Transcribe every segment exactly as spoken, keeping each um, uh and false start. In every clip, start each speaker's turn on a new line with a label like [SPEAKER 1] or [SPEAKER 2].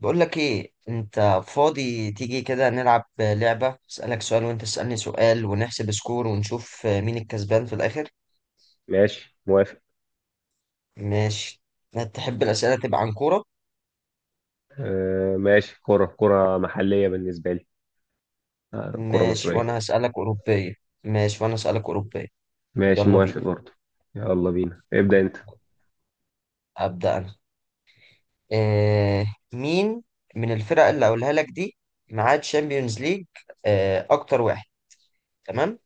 [SPEAKER 1] بقول لك ايه، انت فاضي؟ تيجي كده نلعب لعبة، اسألك سؤال وانت تسألني سؤال ونحسب سكور ونشوف مين الكسبان في الاخر.
[SPEAKER 2] ماشي موافق.
[SPEAKER 1] ماشي. تحب الأسئلة تبقى عن كورة؟
[SPEAKER 2] آه، ماشي. كرة كرة محلية بالنسبة لي. آه، كرة
[SPEAKER 1] ماشي
[SPEAKER 2] مصرية.
[SPEAKER 1] وانا هسألك أوروبية. ماشي وانا هسألك أوروبية.
[SPEAKER 2] ماشي
[SPEAKER 1] يلا
[SPEAKER 2] موافق
[SPEAKER 1] بينا.
[SPEAKER 2] برضو. يلا بينا، ابدأ انت.
[SPEAKER 1] أبدأ انا. آه مين من الفرق اللي هقولها لك دي معاه تشامبيونز ليج؟ آه، اكتر واحد. تمام.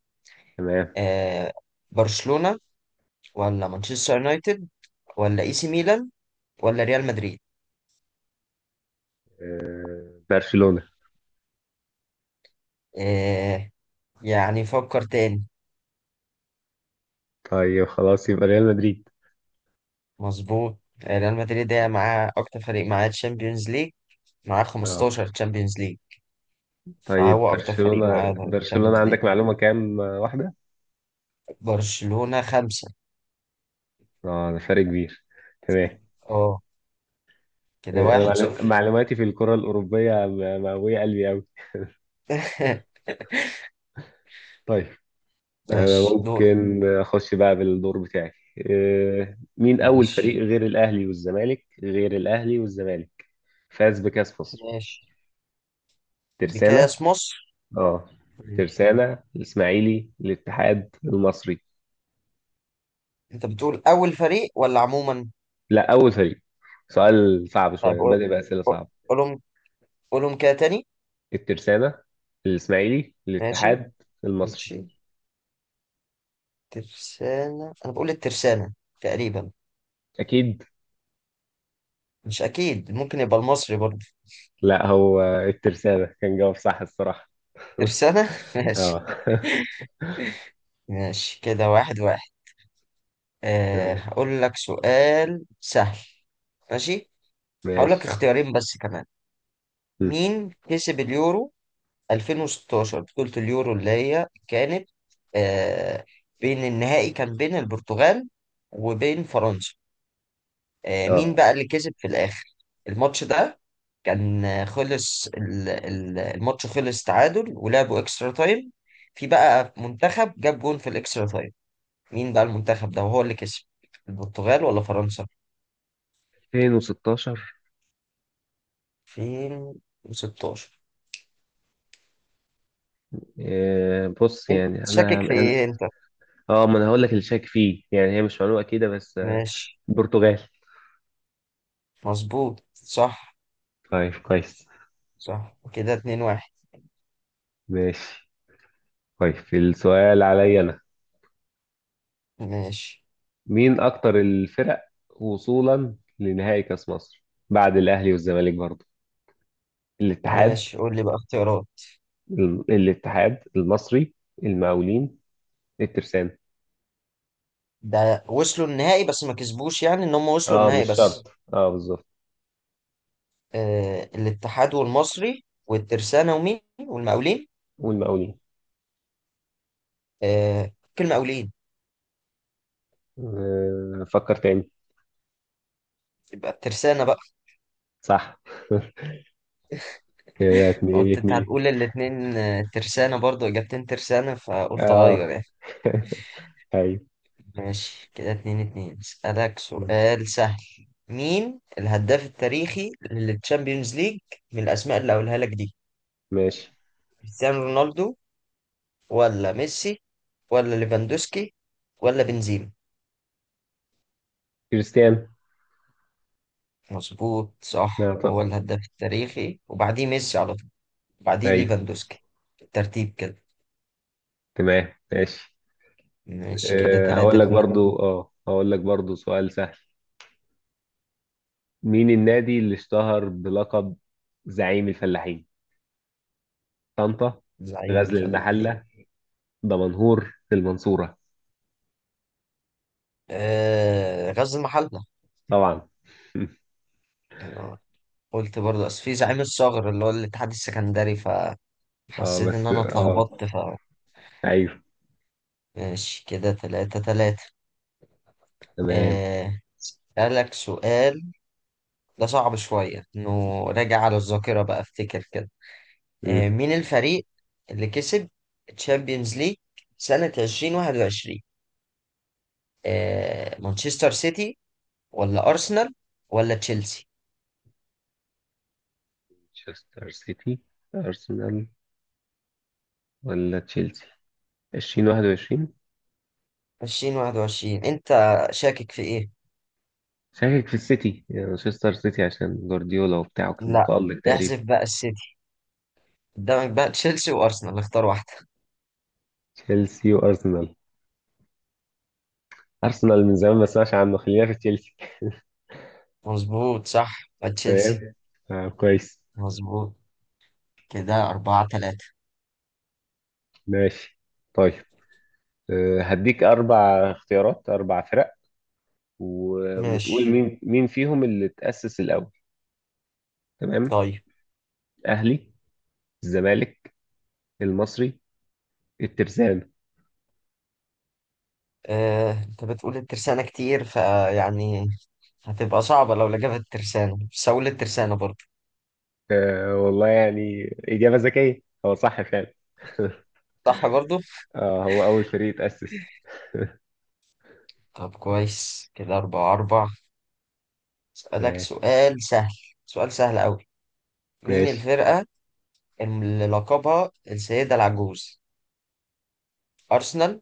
[SPEAKER 2] تمام.
[SPEAKER 1] آه، برشلونة ولا مانشستر يونايتد ولا اي سي ميلان ولا ريال مدريد؟
[SPEAKER 2] آه، برشلونة.
[SPEAKER 1] آه، يعني فكر تاني.
[SPEAKER 2] طيب خلاص، يبقى ريال مدريد.
[SPEAKER 1] مظبوط. ريال مدريد ده معاه اكتر فريق، معاه تشامبيونز ليج، معاه
[SPEAKER 2] اه.
[SPEAKER 1] خمستاشر تشامبيونز ليج،
[SPEAKER 2] طيب
[SPEAKER 1] فهو اكتر فريق
[SPEAKER 2] برشلونة،
[SPEAKER 1] معاه
[SPEAKER 2] برشلونة
[SPEAKER 1] تشامبيونز ليج.
[SPEAKER 2] عندك معلومة كام آه، واحدة؟
[SPEAKER 1] برشلونة خمسة.
[SPEAKER 2] اه، ده فرق كبير. تمام.
[SPEAKER 1] اه، كده
[SPEAKER 2] آه، انا
[SPEAKER 1] واحد
[SPEAKER 2] معلو-
[SPEAKER 1] صفر.
[SPEAKER 2] معلوماتي في الكرة الأوروبية م- مقوية قلبي أوي. طيب، أنا
[SPEAKER 1] ماشي، دور.
[SPEAKER 2] ممكن أخش بقى بالدور بتاعي. آه، مين أول فريق
[SPEAKER 1] ماشي.
[SPEAKER 2] غير الأهلي والزمالك غير الأهلي والزمالك فاز بكأس مصر؟
[SPEAKER 1] ماشي
[SPEAKER 2] ترسانة.
[SPEAKER 1] بكاس مصر.
[SPEAKER 2] اه.
[SPEAKER 1] ماشي.
[SPEAKER 2] ترسانة، الإسماعيلي، الاتحاد، المصري.
[SPEAKER 1] انت بتقول اول فريق ولا عموما؟
[SPEAKER 2] لا، أول فريق. سؤال صعب
[SPEAKER 1] طيب
[SPEAKER 2] شوية،
[SPEAKER 1] قول-
[SPEAKER 2] بدأ بأسئلة
[SPEAKER 1] قول-
[SPEAKER 2] صعبة.
[SPEAKER 1] قولهم، قولهم كده تاني.
[SPEAKER 2] الترسانة، الإسماعيلي،
[SPEAKER 1] ماشي.
[SPEAKER 2] الاتحاد، المصري.
[SPEAKER 1] ماشي. ترسانة، انا بقول الترسانة تقريبا.
[SPEAKER 2] أكيد.
[SPEAKER 1] مش اكيد، ممكن يبقى المصري برضه.
[SPEAKER 2] لا، هو الترسانة كان جواب صح الصراحة.
[SPEAKER 1] ترسانة ماشي.
[SPEAKER 2] اه.
[SPEAKER 1] ماشي كده واحد واحد. آه،
[SPEAKER 2] تمام
[SPEAKER 1] هقول لك سؤال سهل. ماشي. هقول
[SPEAKER 2] ماشي.
[SPEAKER 1] لك اختيارين بس كمان.
[SPEAKER 2] مم.
[SPEAKER 1] مين كسب اليورو ألفين وستاشر؟ بطولة اليورو اللي هي كانت آه، بين النهائي كان بين البرتغال وبين فرنسا. آه، مين
[SPEAKER 2] اه.
[SPEAKER 1] بقى اللي كسب في الآخر الماتش ده؟ كان آه، خلص ال- ال- الماتش، خلص تعادل ولعبوا اكسترا تايم. في بقى منتخب جاب جون في الاكسترا تايم، مين بقى المنتخب ده وهو اللي كسب؟ البرتغال ولا فرنسا؟
[SPEAKER 2] ألفين وستاشر.
[SPEAKER 1] ألفين وستاشر.
[SPEAKER 2] آه، بص،
[SPEAKER 1] انت
[SPEAKER 2] يعني انا
[SPEAKER 1] شاكك في
[SPEAKER 2] انا
[SPEAKER 1] ايه انت؟
[SPEAKER 2] اه، ما انا هقول لك اللي شاك فيه، يعني هي مش معلومه اكيده، بس آه،
[SPEAKER 1] ماشي.
[SPEAKER 2] البرتغال.
[SPEAKER 1] مظبوط، صح.
[SPEAKER 2] طيب كويس.
[SPEAKER 1] صح، كده اتنين واحد.
[SPEAKER 2] ماشي. طيب، السؤال عليا انا.
[SPEAKER 1] ماشي.
[SPEAKER 2] مين اكتر الفرق وصولا لنهائي كاس مصر بعد الاهلي والزمالك برضه. الاتحاد،
[SPEAKER 1] ماشي، قول لي بقى اختيارات.
[SPEAKER 2] ال- الاتحاد المصري، المقاولين، الترسانة.
[SPEAKER 1] ده وصلوا النهائي بس ما كسبوش، يعني ان هم وصلوا
[SPEAKER 2] اه،
[SPEAKER 1] النهائي
[SPEAKER 2] مش
[SPEAKER 1] بس.
[SPEAKER 2] شرط. اه، بالظبط.
[SPEAKER 1] آه، الاتحاد والمصري والترسانة ومين؟ والمقاولين.
[SPEAKER 2] والمقاولين.
[SPEAKER 1] آه، كل المقاولين.
[SPEAKER 2] آه، فكر تاني.
[SPEAKER 1] يبقى الترسانة بقى.
[SPEAKER 2] صح. كده اتنين
[SPEAKER 1] قلت انت
[SPEAKER 2] اتنين.
[SPEAKER 1] هتقول الاتنين آه، ترسانة برضو، اجابتين ترسانة، فقلت اغير
[SPEAKER 2] اه.
[SPEAKER 1] يعني.
[SPEAKER 2] ايوه.
[SPEAKER 1] ماشي كده اتنين اتنين. اسألك سؤال سهل. مين الهداف التاريخي للتشامبيونز ليج من الأسماء اللي هقولها لك دي؟
[SPEAKER 2] ماشي.
[SPEAKER 1] كريستيانو رونالدو ولا ميسي ولا ليفاندوسكي ولا بنزيما؟
[SPEAKER 2] كريستيانو.
[SPEAKER 1] مظبوط
[SPEAKER 2] لا
[SPEAKER 1] صح، هو
[SPEAKER 2] طبعا.
[SPEAKER 1] الهداف التاريخي وبعديه ميسي على طول وبعديه
[SPEAKER 2] ايوه.
[SPEAKER 1] ليفاندوسكي. الترتيب كده.
[SPEAKER 2] تمام ماشي.
[SPEAKER 1] ماشي كده
[SPEAKER 2] أه
[SPEAKER 1] تلاتة
[SPEAKER 2] هقول لك
[SPEAKER 1] اتنين.
[SPEAKER 2] برضو اه هقول لك برضو سؤال سهل. مين النادي اللي اشتهر بلقب زعيم الفلاحين؟ طنطا،
[SPEAKER 1] زعيم
[SPEAKER 2] غزل
[SPEAKER 1] الفلاحين.
[SPEAKER 2] المحلة، دمنهور، المنصورة.
[SPEAKER 1] آه، غزل المحلة.
[SPEAKER 2] طبعا.
[SPEAKER 1] أنا قلت برضه، أصل في زعيم الصغر اللي هو الاتحاد السكندري، ف
[SPEAKER 2] اه،
[SPEAKER 1] حسيت ان
[SPEAKER 2] بس
[SPEAKER 1] انا
[SPEAKER 2] اه.
[SPEAKER 1] اتلخبطت ف
[SPEAKER 2] ايوه.
[SPEAKER 1] ماشي كده تلاتة تلاتة.
[SPEAKER 2] تمام.
[SPEAKER 1] آه، اسألك سؤال ده صعب شوية، انه راجع على الذاكرة بقى، افتكر كده. آه،
[SPEAKER 2] مم.
[SPEAKER 1] مين الفريق اللي كسب تشامبيونز ليج سنة ألفين وواحد وعشرين؟ آه، مانشستر سيتي ولا ارسنال ولا تشيلسي؟
[SPEAKER 2] مانشستر سيتي، ارسنال، ولا تشيلسي؟ ألفين وواحد وعشرين.
[SPEAKER 1] ألفين وواحد وعشرين. انت شاكك في ايه؟
[SPEAKER 2] شاكك في السيتي، يعني مانشستر سيتي عشان جوارديولا وبتاعه كان
[SPEAKER 1] لا،
[SPEAKER 2] متألق تقريبا.
[SPEAKER 1] احذف بقى السيتي. قدامك بقى تشيلسي وارسنال، اختار واحدة.
[SPEAKER 2] تشيلسي وارسنال. ارسنال من زمان ما اسمعش عنه، خلينا في تشيلسي.
[SPEAKER 1] مظبوط صح. تشيلسي.
[SPEAKER 2] تمام. آه كويس.
[SPEAKER 1] مظبوط. كده أربعة تلاتة.
[SPEAKER 2] ماشي. طيب. آه، هديك اربع اختيارات، اربع فرق. و... وتقول
[SPEAKER 1] ماشي.
[SPEAKER 2] مين مين فيهم اللي تأسس الاول. تمام.
[SPEAKER 1] طيب.
[SPEAKER 2] اهلي، الزمالك، المصري، الترسانة.
[SPEAKER 1] آه، أنت بتقول الترسانة كتير، فيعني هتبقى صعبة لو لجبت الترسانة، بس هقول الترسانة برضه.
[SPEAKER 2] آه والله يعني. اجابة ذكية، هو صح فعلا.
[SPEAKER 1] صح برضه؟
[SPEAKER 2] اه، هو اول فريق اتأسس.
[SPEAKER 1] طب كويس، كده أربعة أربعة. أسألك
[SPEAKER 2] تمام
[SPEAKER 1] سؤال سهل. سؤال سهل أوي. مين
[SPEAKER 2] ماشي.
[SPEAKER 1] الفرقة اللي لقبها السيدة العجوز؟ أرسنال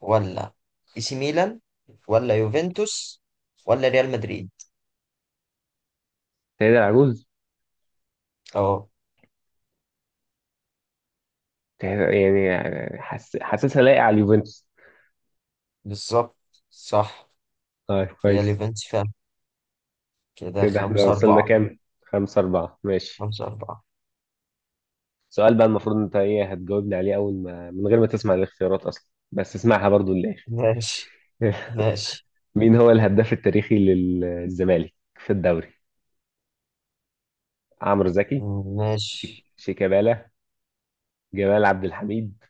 [SPEAKER 1] ولا إي سي ميلان ولا يوفنتوس ولا ريال مدريد؟
[SPEAKER 2] سيد العجوز.
[SPEAKER 1] أه،
[SPEAKER 2] يعني حس... حاسسها لايقة على اليوفنتوس.
[SPEAKER 1] بالظبط. صح.
[SPEAKER 2] طيب
[SPEAKER 1] هي
[SPEAKER 2] كويس.
[SPEAKER 1] اليوفنتوس فعلا. كده
[SPEAKER 2] كده احنا
[SPEAKER 1] خمسة
[SPEAKER 2] وصلنا
[SPEAKER 1] أربعة.
[SPEAKER 2] كام؟ خمسة أربعة، ماشي.
[SPEAKER 1] خمسة أربعة.
[SPEAKER 2] سؤال بقى، المفروض أنت إيه هتجاوبني عليه أول ما من غير ما تسمع الاختيارات أصلا، بس اسمعها برضو للآخر.
[SPEAKER 1] ماشي. ماشي.
[SPEAKER 2] مين هو الهداف التاريخي للزمالك في الدوري؟ عمرو زكي، شيك-
[SPEAKER 1] ماشي.
[SPEAKER 2] شيكابالا، جمال عبد الحميد،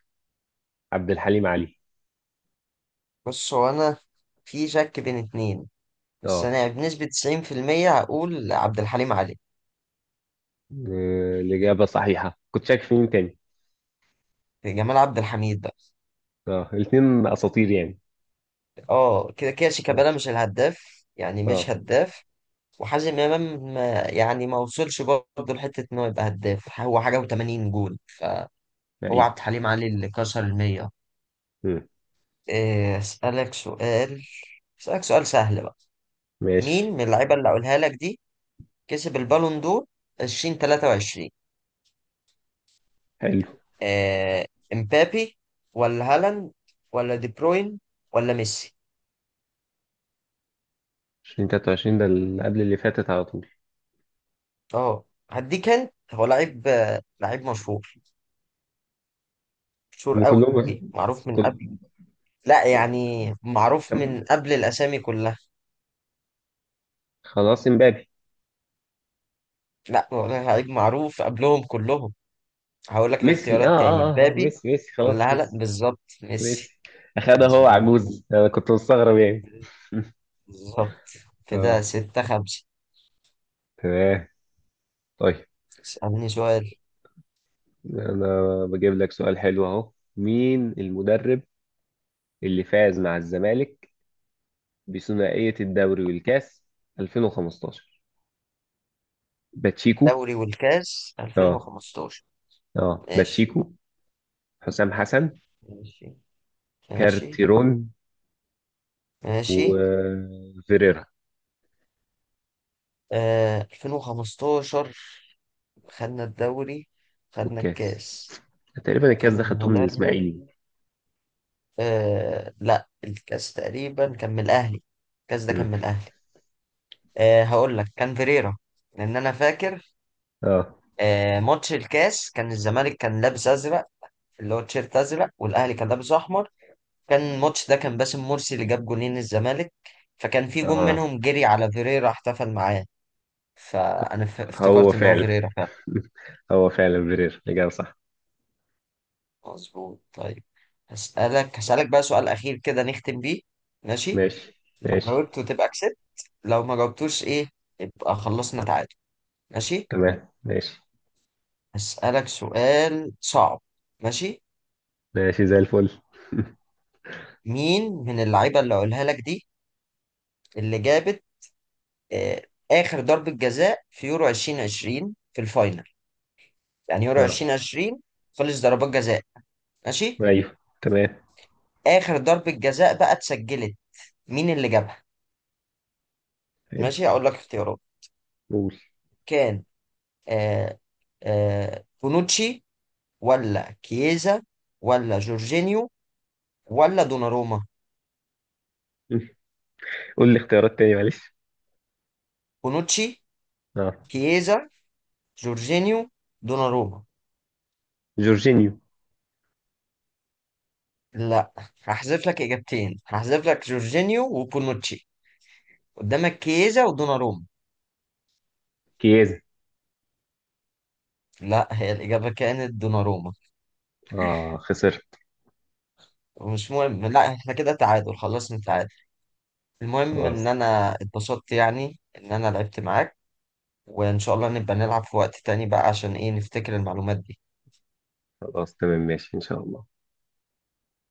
[SPEAKER 2] عبد الحليم علي.
[SPEAKER 1] بص، هو أنا في شك بين اتنين، بس
[SPEAKER 2] اه.
[SPEAKER 1] أنا بنسبة تسعين في المية هقول عبد الحليم علي.
[SPEAKER 2] آه، الإجابة صحيحة. كنت شاك في مين تاني؟
[SPEAKER 1] جمال عبد الحميد بقى.
[SPEAKER 2] اه، الاتنين أساطير يعني.
[SPEAKER 1] اه كده كده،
[SPEAKER 2] اه.
[SPEAKER 1] شيكابالا مش الهداف، يعني
[SPEAKER 2] اه.
[SPEAKER 1] مش هداف. وحازم إمام ما- يعني ما وصلش برضه لحتة إن هو يبقى هداف، هو حاجة و80 جول فهو.
[SPEAKER 2] أيوه.
[SPEAKER 1] عبد الحليم علي اللي كسر المية.
[SPEAKER 2] مم.
[SPEAKER 1] إيه، أسألك سؤال. أسألك سؤال سهل بقى.
[SPEAKER 2] ماشي.
[SPEAKER 1] مين من اللعيبة اللي هقولها لك دي كسب البالون دور ألفين وتلاتة وعشرين؟
[SPEAKER 2] حلو.
[SPEAKER 1] آه، امبابي ولا هالاند ولا دي بروين ولا ميسي؟
[SPEAKER 2] ألفين وتلاتة وعشرين، ده اللي قبل اللي فاتت على طول.
[SPEAKER 1] اه هديك، انت هو لعيب آه، لعيب مشهور، مشهور
[SPEAKER 2] هم
[SPEAKER 1] قوي،
[SPEAKER 2] كلهم.
[SPEAKER 1] معروف من
[SPEAKER 2] كل.
[SPEAKER 1] قبل. لا يعني، معروف
[SPEAKER 2] كم.
[SPEAKER 1] من قبل الاسامي كلها.
[SPEAKER 2] خلاص، امبابي.
[SPEAKER 1] لا، هو لعيب معروف قبلهم كلهم. هقول لك
[SPEAKER 2] ميسي، اه
[SPEAKER 1] الاختيارات تاني.
[SPEAKER 2] اه اه آه،
[SPEAKER 1] مبابي
[SPEAKER 2] ميسي ميسي خلاص
[SPEAKER 1] ولا هالاند؟
[SPEAKER 2] ميسي.
[SPEAKER 1] بالظبط ميسي.
[SPEAKER 2] ميسي اخدها، هو
[SPEAKER 1] مظبوط.
[SPEAKER 2] عجوز، انا كنت مستغرب يعني.
[SPEAKER 1] بالظبط. كده
[SPEAKER 2] اه.
[SPEAKER 1] ستة خمسة.
[SPEAKER 2] تمام. طيب.
[SPEAKER 1] اسألني سؤال.
[SPEAKER 2] انا بجيب لك سؤال حلو اهو. مين المدرب اللي فاز مع الزمالك بثنائية الدوري والكاس ألفين وخمسة عشر؟ باتشيكو.
[SPEAKER 1] دوري والكاس
[SPEAKER 2] اه.
[SPEAKER 1] ألفين وخمستاشر.
[SPEAKER 2] اه،
[SPEAKER 1] ماشي.
[SPEAKER 2] باتشيكو، حسام حسن،
[SPEAKER 1] ماشي. ماشي.
[SPEAKER 2] كارتيرون،
[SPEAKER 1] ماشي.
[SPEAKER 2] وفيريرا.
[SPEAKER 1] آه ألفين وخمستاشر، خدنا الدوري، خدنا
[SPEAKER 2] والكاس.
[SPEAKER 1] الكاس.
[SPEAKER 2] تقريبا الكاس
[SPEAKER 1] كان
[SPEAKER 2] ده خدته من
[SPEAKER 1] المدرب
[SPEAKER 2] الاسماعيلي.
[SPEAKER 1] آه لا، الكاس تقريبا كان من الأهلي، الكاس ده كان
[SPEAKER 2] مم.
[SPEAKER 1] من الأهلي. آه هقول لك كان فيريرا، لأن أنا فاكر
[SPEAKER 2] اه.
[SPEAKER 1] آه ماتش الكاس كان الزمالك كان لابس أزرق، اللي هو تيشيرت أزرق والأهلي كان لابس أحمر. كان الماتش ده كان باسم مرسي اللي جاب جولين الزمالك، فكان في جون
[SPEAKER 2] اه،
[SPEAKER 1] منهم جري على فيريرا احتفل معاه، فأنا ف-
[SPEAKER 2] هو
[SPEAKER 1] افتكرت إن هو
[SPEAKER 2] فعلا.
[SPEAKER 1] فيريرا.
[SPEAKER 2] هو فعلا برير، إجابة صح.
[SPEAKER 1] مظبوط، طيب. هسألك هسألك بقى سؤال أخير كده نختم بيه. ماشي.
[SPEAKER 2] ماشي
[SPEAKER 1] لو
[SPEAKER 2] ماشي.
[SPEAKER 1] جاوبته تبقى كسبت، لو ما جاوبتوش إيه، يبقى خلصنا تعادل. ماشي.
[SPEAKER 2] تمام ماشي.
[SPEAKER 1] هسألك سؤال صعب. ماشي.
[SPEAKER 2] ماشي زي الفل.
[SPEAKER 1] مين من اللعيبة اللي أقولها لك دي اللي جابت آه آخر ضربة جزاء في يورو ألفين وعشرين في الفاينل؟ يعني يورو
[SPEAKER 2] اه.
[SPEAKER 1] ألفين عشرين خلص ضربات جزاء. ماشي.
[SPEAKER 2] أيوه تمام.
[SPEAKER 1] آخر ضربة جزاء بقى اتسجلت، مين اللي جابها؟
[SPEAKER 2] حلو.
[SPEAKER 1] ماشي، أقول لك اختيارات.
[SPEAKER 2] قول.
[SPEAKER 1] كان آه آه، بونوتشي ولا كييزا ولا جورجينيو ولا دوناروما؟
[SPEAKER 2] قول لي اختيارات تاني، معلش.
[SPEAKER 1] بونوتشي،
[SPEAKER 2] اه.
[SPEAKER 1] كييزا، جورجينيو، دوناروما.
[SPEAKER 2] جورجينيو.
[SPEAKER 1] لا. هحذف لك اجابتين، هحذف لك جورجينيو وبونوتشي. قدامك كييزا ودوناروما.
[SPEAKER 2] كيازا.
[SPEAKER 1] لا، هي الاجابه كانت دوناروما.
[SPEAKER 2] اه، خسرت.
[SPEAKER 1] مش مهم، لا احنا كده تعادل، خلصنا تعادل. المهم ان
[SPEAKER 2] خلاص.
[SPEAKER 1] انا اتبسطت يعني ان انا لعبت معاك. وان شاء الله نبقى نلعب في وقت تاني بقى، عشان ايه، نفتكر المعلومات دي.
[SPEAKER 2] خلاص تمام ماشي، إن شاء الله.